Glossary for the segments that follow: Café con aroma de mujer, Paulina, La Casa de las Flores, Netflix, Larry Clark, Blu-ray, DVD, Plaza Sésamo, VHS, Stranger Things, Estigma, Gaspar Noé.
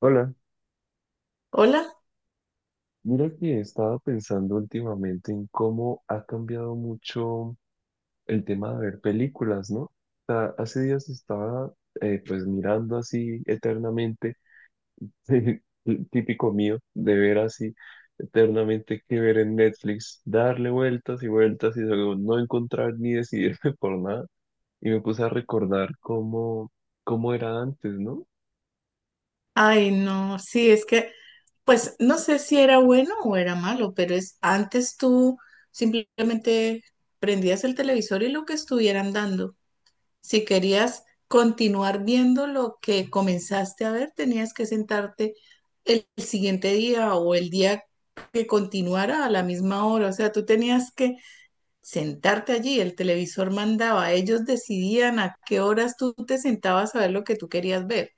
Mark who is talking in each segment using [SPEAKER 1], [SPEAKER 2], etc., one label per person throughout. [SPEAKER 1] Hola,
[SPEAKER 2] Hola.
[SPEAKER 1] mira que he estado pensando últimamente en cómo ha cambiado mucho el tema de ver películas, ¿no? O sea, hace días estaba pues mirando así eternamente, el típico mío, de ver así eternamente qué ver en Netflix, darle vueltas y vueltas y luego no encontrar ni decidirme por nada. Y me puse a recordar cómo era antes, ¿no?
[SPEAKER 2] Ay, no, sí, pues no sé si era bueno o era malo, pero es antes tú simplemente prendías el televisor y lo que estuvieran dando. Si querías continuar viendo lo que comenzaste a ver, tenías que sentarte el siguiente día o el día que continuara a la misma hora. O sea, tú tenías que sentarte allí. El televisor mandaba, ellos decidían a qué horas tú te sentabas a ver lo que tú querías ver.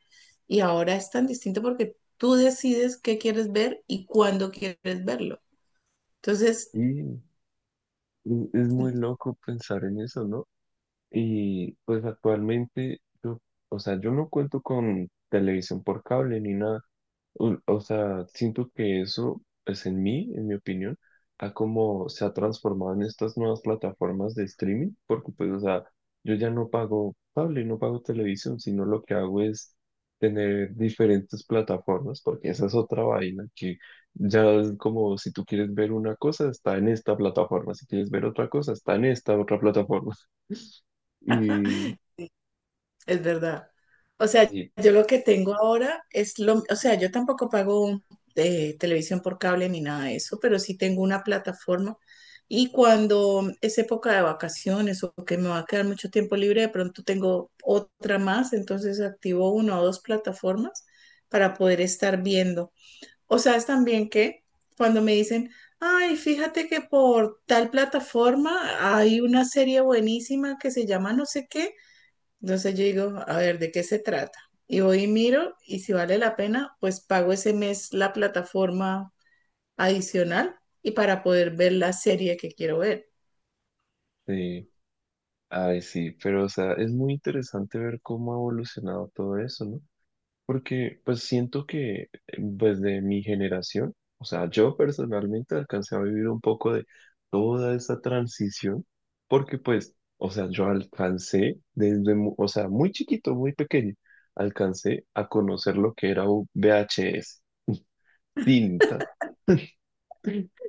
[SPEAKER 2] Y ahora es tan distinto porque tú decides qué quieres ver y cuándo quieres verlo. Entonces,
[SPEAKER 1] Y es muy loco pensar en eso, ¿no? Y pues actualmente, o sea, yo no cuento con televisión por cable ni nada. O sea, siento que eso es en mí, en mi opinión, a cómo se ha transformado en estas nuevas plataformas de streaming, porque pues, o sea, yo ya no pago cable, no pago televisión, sino lo que hago es tener diferentes plataformas, porque esa es otra vaina que ya es como si tú quieres ver una cosa, está en esta plataforma, si quieres ver otra cosa, está en esta otra plataforma. Y
[SPEAKER 2] es verdad. O sea,
[SPEAKER 1] sí,
[SPEAKER 2] yo lo que tengo ahora o sea, yo tampoco pago televisión por cable ni nada de eso, pero sí tengo una plataforma. Y cuando es época de vacaciones o que me va a quedar mucho tiempo libre, de pronto tengo otra más, entonces activo una o dos plataformas para poder estar viendo. O sea, es también que cuando me dicen, ay, fíjate que por tal plataforma hay una serie buenísima que se llama no sé qué, entonces yo digo, a ver, ¿de qué se trata? Y voy y miro y si vale la pena, pues pago ese mes la plataforma adicional y para poder ver la serie que quiero ver.
[SPEAKER 1] sí, ay, sí, pero o sea, es muy interesante ver cómo ha evolucionado todo eso, ¿no? Porque pues siento que desde mi generación, o sea, yo personalmente alcancé a vivir un poco de toda esa transición, porque pues, o sea, yo alcancé desde, o sea, muy chiquito, muy pequeño, alcancé a conocer lo que era un VHS, tinta.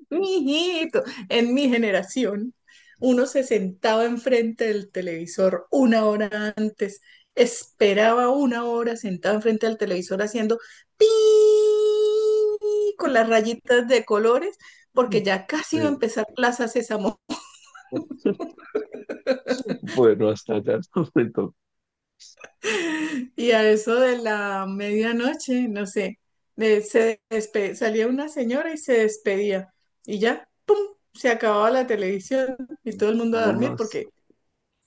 [SPEAKER 2] Mijito, en mi generación, uno se sentaba enfrente del televisor 1 hora, antes, esperaba 1 hora sentado enfrente del televisor haciendo pi con las rayitas de colores, porque ya casi iba a
[SPEAKER 1] Eh,
[SPEAKER 2] empezar Plaza Sésamo.
[SPEAKER 1] bueno, hasta allá no me tocó,
[SPEAKER 2] Y a eso de la medianoche, no sé, salía una señora y se despedía. Y ya, ¡pum! Se acababa la televisión y todo el mundo a
[SPEAKER 1] no
[SPEAKER 2] dormir
[SPEAKER 1] más.
[SPEAKER 2] porque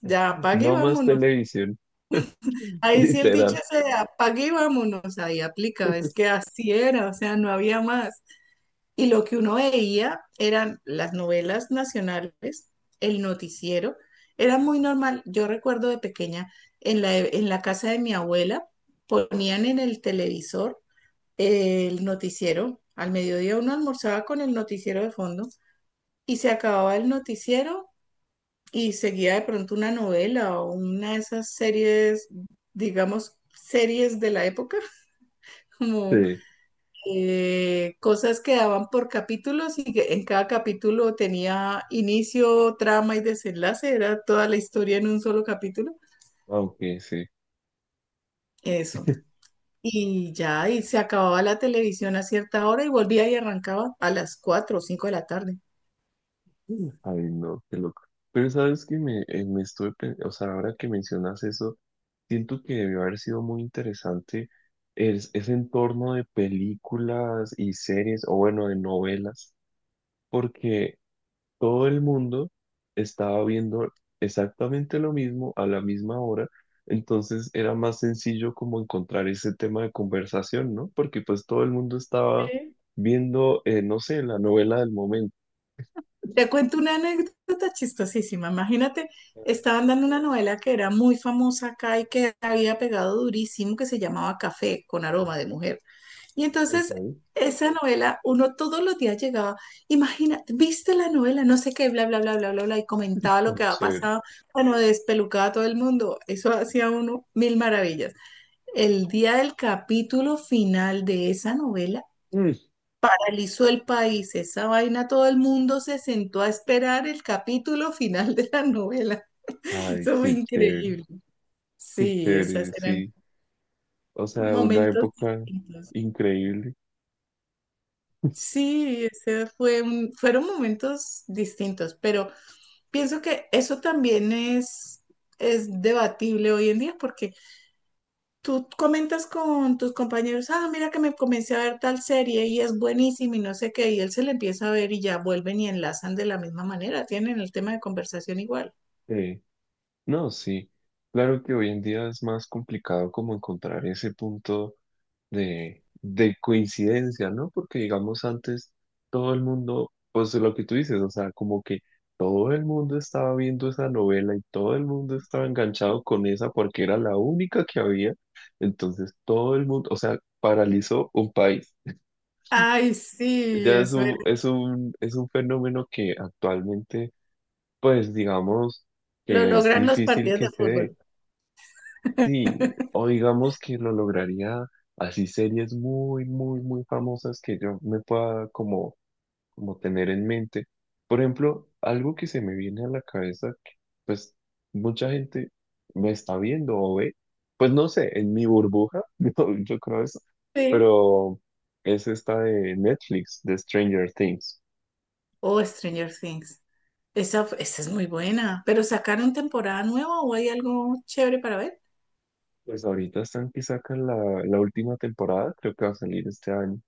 [SPEAKER 2] ya apague y
[SPEAKER 1] No más
[SPEAKER 2] vámonos.
[SPEAKER 1] televisión,
[SPEAKER 2] Ahí sí el dicho
[SPEAKER 1] literal.
[SPEAKER 2] se de apague y vámonos, ahí aplica, es que así era, o sea, no había más. Y lo que uno veía eran las novelas nacionales, el noticiero. Era muy normal. Yo recuerdo de pequeña, en la casa de mi abuela, ponían en el televisor el noticiero. Al mediodía uno almorzaba con el noticiero de fondo y se acababa el noticiero y seguía de pronto una novela o una de esas series, digamos, series de la época, como
[SPEAKER 1] Sí,
[SPEAKER 2] cosas que daban por capítulos y que en cada capítulo tenía inicio, trama y desenlace, era toda la historia en un solo capítulo.
[SPEAKER 1] aunque sí.
[SPEAKER 2] Eso. Y ya, y se acababa la televisión a cierta hora y volvía y arrancaba a las 4 o 5 de la tarde.
[SPEAKER 1] Ay, no, qué loco. Pero sabes que o sea, ahora que mencionas eso, siento que debió haber sido muy ese entorno de películas y series, o bueno, de novelas, porque todo el mundo estaba viendo exactamente lo mismo a la misma hora, entonces era más sencillo como encontrar ese tema de conversación, ¿no? Porque pues todo el mundo estaba
[SPEAKER 2] Sí.
[SPEAKER 1] viendo, no sé, la novela del momento.
[SPEAKER 2] Te cuento una anécdota chistosísima. Imagínate,
[SPEAKER 1] Ay,
[SPEAKER 2] estaban dando una novela que era muy famosa acá y que había pegado durísimo, que se llamaba Café con aroma de mujer. Y entonces
[SPEAKER 1] ok,
[SPEAKER 2] esa novela, uno todos los días llegaba, imagina, viste la novela, no sé qué, bla, bla, bla, bla, bla, bla, y comentaba lo
[SPEAKER 1] tan
[SPEAKER 2] que había
[SPEAKER 1] chévere.
[SPEAKER 2] pasado, bueno, despelucaba a todo el mundo, eso hacía uno 1000 maravillas. El día del capítulo final de esa novela,
[SPEAKER 1] Mm.
[SPEAKER 2] paralizó el país, esa vaina, todo el mundo se sentó a esperar el capítulo final de la novela.
[SPEAKER 1] Ay,
[SPEAKER 2] Eso fue increíble.
[SPEAKER 1] qué
[SPEAKER 2] Sí,
[SPEAKER 1] chévere,
[SPEAKER 2] esas eran
[SPEAKER 1] sí. O sea, una
[SPEAKER 2] momentos
[SPEAKER 1] época
[SPEAKER 2] distintos.
[SPEAKER 1] increíble.
[SPEAKER 2] Sí, fueron momentos distintos, pero pienso que eso también es debatible hoy en día porque tú comentas con tus compañeros, ah, mira que me comencé a ver tal serie y es buenísima y no sé qué, y él se la empieza a ver y ya vuelven y enlazan de la misma manera, tienen el tema de conversación igual.
[SPEAKER 1] Sí. No, sí. Claro que hoy en día es más complicado como encontrar ese punto de coincidencia, ¿no? Porque digamos antes todo el mundo, pues lo que tú dices, o sea, como que todo el mundo estaba viendo esa novela y todo el mundo estaba enganchado con esa porque era la única que había, entonces todo el mundo, o sea, paralizó un país.
[SPEAKER 2] Ay, sí,
[SPEAKER 1] Ya es
[SPEAKER 2] eso era.
[SPEAKER 1] un fenómeno que actualmente, pues digamos
[SPEAKER 2] Lo
[SPEAKER 1] que es
[SPEAKER 2] logran los
[SPEAKER 1] difícil
[SPEAKER 2] partidos
[SPEAKER 1] que
[SPEAKER 2] de
[SPEAKER 1] se
[SPEAKER 2] fútbol.
[SPEAKER 1] dé. Sí, o digamos que lo lograría así series muy, muy, muy famosas que yo me pueda como tener en mente. Por ejemplo, algo que se me viene a la cabeza, que, pues mucha gente me está viendo o ve, pues no sé, en mi burbuja, yo creo eso,
[SPEAKER 2] Sí.
[SPEAKER 1] pero es esta de Netflix, de Stranger Things.
[SPEAKER 2] O Stranger Things. Esa es muy buena. ¿Pero sacaron temporada nueva o hay algo chévere para ver?
[SPEAKER 1] Pues ahorita están que sacan la última temporada, creo que va a salir este año.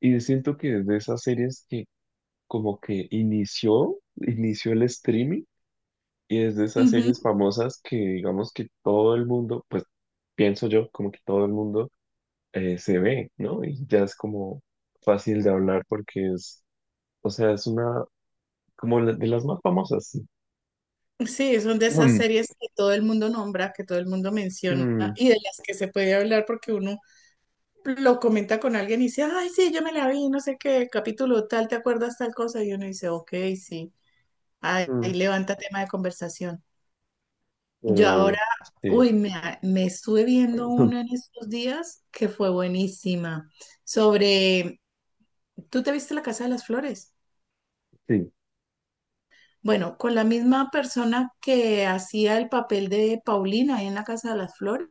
[SPEAKER 1] Y siento que es de esas series como que inició el streaming y es de esas
[SPEAKER 2] Ujú.
[SPEAKER 1] series famosas que digamos que todo el mundo, pues pienso yo, como que todo el mundo se ve, ¿no? Y ya es como fácil de hablar porque es, o sea, es una, como la- de las más famosas, sí.
[SPEAKER 2] Sí, es una de esas
[SPEAKER 1] Mm,
[SPEAKER 2] series que todo el mundo nombra, que todo el mundo menciona
[SPEAKER 1] mm,
[SPEAKER 2] y de las que se puede hablar porque uno lo comenta con alguien y dice, ay, sí, yo me la vi, no sé qué, capítulo tal, ¿te acuerdas tal cosa? Y uno dice, ok, sí, ahí
[SPEAKER 1] mm,
[SPEAKER 2] levanta tema de conversación. Yo ahora,
[SPEAKER 1] pero, sí,
[SPEAKER 2] uy, me estuve viendo una en estos días que fue buenísima, sobre, ¿tú te viste La Casa de las Flores?
[SPEAKER 1] sí,
[SPEAKER 2] Bueno, con la misma persona que hacía el papel de Paulina ahí en la Casa de las Flores,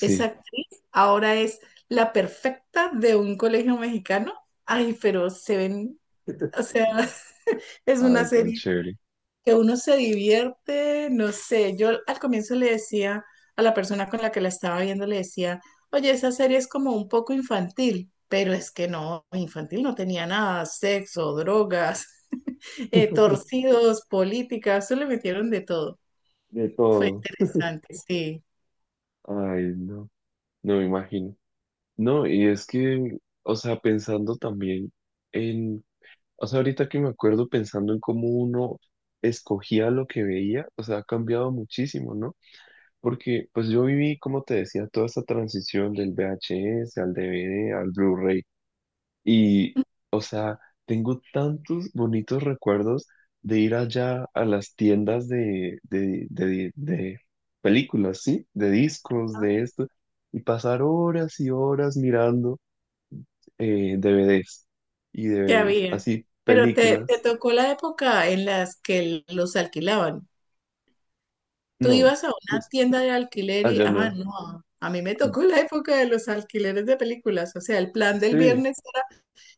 [SPEAKER 2] esa actriz ahora es la perfecta de un colegio mexicano. Ay, pero se ven, o sea, es una
[SPEAKER 1] ay, tan
[SPEAKER 2] serie
[SPEAKER 1] chévere,
[SPEAKER 2] que uno se divierte, no sé, yo al comienzo le decía a la persona con la que la estaba viendo, le decía, oye, esa serie es como un poco infantil, pero es que no, infantil no tenía nada, sexo, drogas torcidos, políticas, se le metieron de todo.
[SPEAKER 1] de
[SPEAKER 2] Fue
[SPEAKER 1] todo,
[SPEAKER 2] interesante, sí,
[SPEAKER 1] ay, no, no me imagino. No, y es que, o sea, pensando también en, o sea, ahorita que me acuerdo pensando en cómo uno escogía lo que veía, o sea, ha cambiado muchísimo, ¿no? Porque pues yo viví, como te decía, toda esta transición del VHS al DVD, al Blu-ray, y, o sea, tengo tantos bonitos recuerdos de ir allá a las tiendas de películas, ¿sí? De discos, de esto, y pasar horas y horas mirando DVDs y
[SPEAKER 2] que
[SPEAKER 1] DVDs,
[SPEAKER 2] había.
[SPEAKER 1] así
[SPEAKER 2] Pero te
[SPEAKER 1] películas.
[SPEAKER 2] tocó la época en las que los alquilaban. Tú
[SPEAKER 1] No,
[SPEAKER 2] ibas a una tienda de alquiler y,
[SPEAKER 1] allá
[SPEAKER 2] ah,
[SPEAKER 1] no.
[SPEAKER 2] no, a mí me tocó la época de los alquileres de películas. O sea, el plan del
[SPEAKER 1] Sí,
[SPEAKER 2] viernes,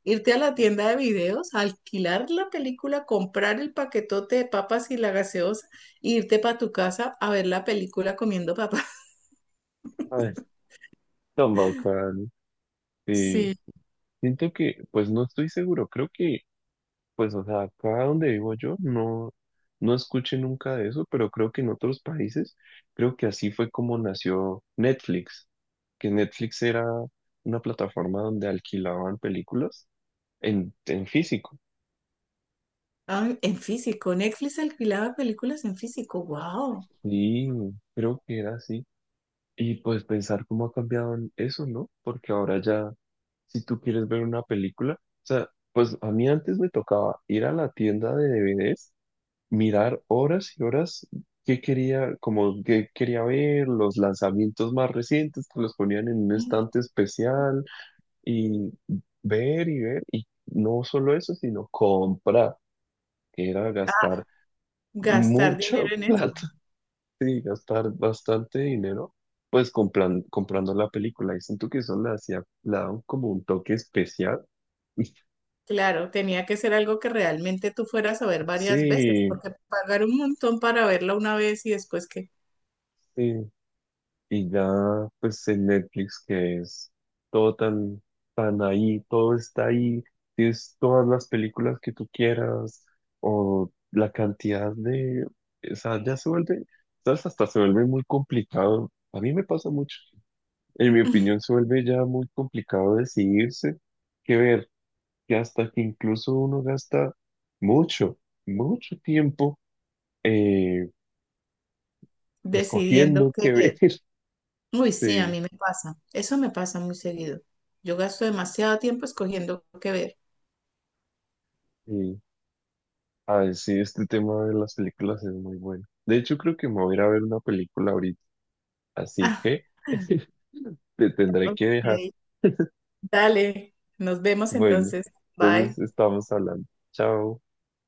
[SPEAKER 2] irte a la tienda de videos, alquilar la película, comprar el paquetote de papas y la gaseosa, e irte para tu casa a ver la película comiendo papas.
[SPEAKER 1] ay, tan bacán. Sí,
[SPEAKER 2] Sí.
[SPEAKER 1] siento que, pues no estoy seguro, creo que, pues, o sea, acá donde vivo no, no escuché nunca de eso, pero creo que en otros países, creo que así fue como nació Netflix, que Netflix era una plataforma donde alquilaban películas en físico.
[SPEAKER 2] Ah, en físico. Netflix alquilaba películas en físico. ¡Wow!
[SPEAKER 1] Y creo que era así. Y pues pensar cómo ha cambiado en eso, ¿no? Porque ahora ya, si tú quieres ver una película, o sea, pues a mí antes me tocaba ir a la tienda de DVDs, mirar horas y horas qué quería, como qué quería ver, los lanzamientos más recientes que los ponían en un estante especial y ver y ver, y no solo eso, sino comprar, que era gastar
[SPEAKER 2] Gastar dinero
[SPEAKER 1] mucho
[SPEAKER 2] en eso.
[SPEAKER 1] plata. Sí, gastar bastante dinero, pues comprando la película. Y siento que eso le hacía, le daba como un toque especial.
[SPEAKER 2] Claro, tenía que ser algo que realmente tú fueras a ver varias veces,
[SPEAKER 1] Sí,
[SPEAKER 2] porque pagar un montón para verla una vez y después que
[SPEAKER 1] sí. Y ya, pues en Netflix, que es todo tan, tan ahí, todo está ahí. Tienes todas las películas que tú quieras, o la cantidad de. O sea, ya se vuelve, ¿sabes? Hasta se vuelve muy complicado. A mí me pasa mucho. En mi opinión, se vuelve ya muy complicado decidirse qué ver que hasta que incluso uno gasta mucho, mucho tiempo eh,
[SPEAKER 2] decidiendo
[SPEAKER 1] escogiendo
[SPEAKER 2] qué
[SPEAKER 1] qué ver.
[SPEAKER 2] ver. Uy, sí, a
[SPEAKER 1] Sí,
[SPEAKER 2] mí me pasa. Eso me pasa muy seguido. Yo gasto demasiado tiempo escogiendo qué ver.
[SPEAKER 1] sí. Ay, sí, este tema de las películas es muy bueno. De hecho, creo que me voy a ir a ver una película ahorita, así
[SPEAKER 2] Ah,
[SPEAKER 1] que te tendré que
[SPEAKER 2] ok.
[SPEAKER 1] dejar.
[SPEAKER 2] Dale, nos vemos
[SPEAKER 1] Bueno,
[SPEAKER 2] entonces. Bye.
[SPEAKER 1] entonces estamos hablando. Chao.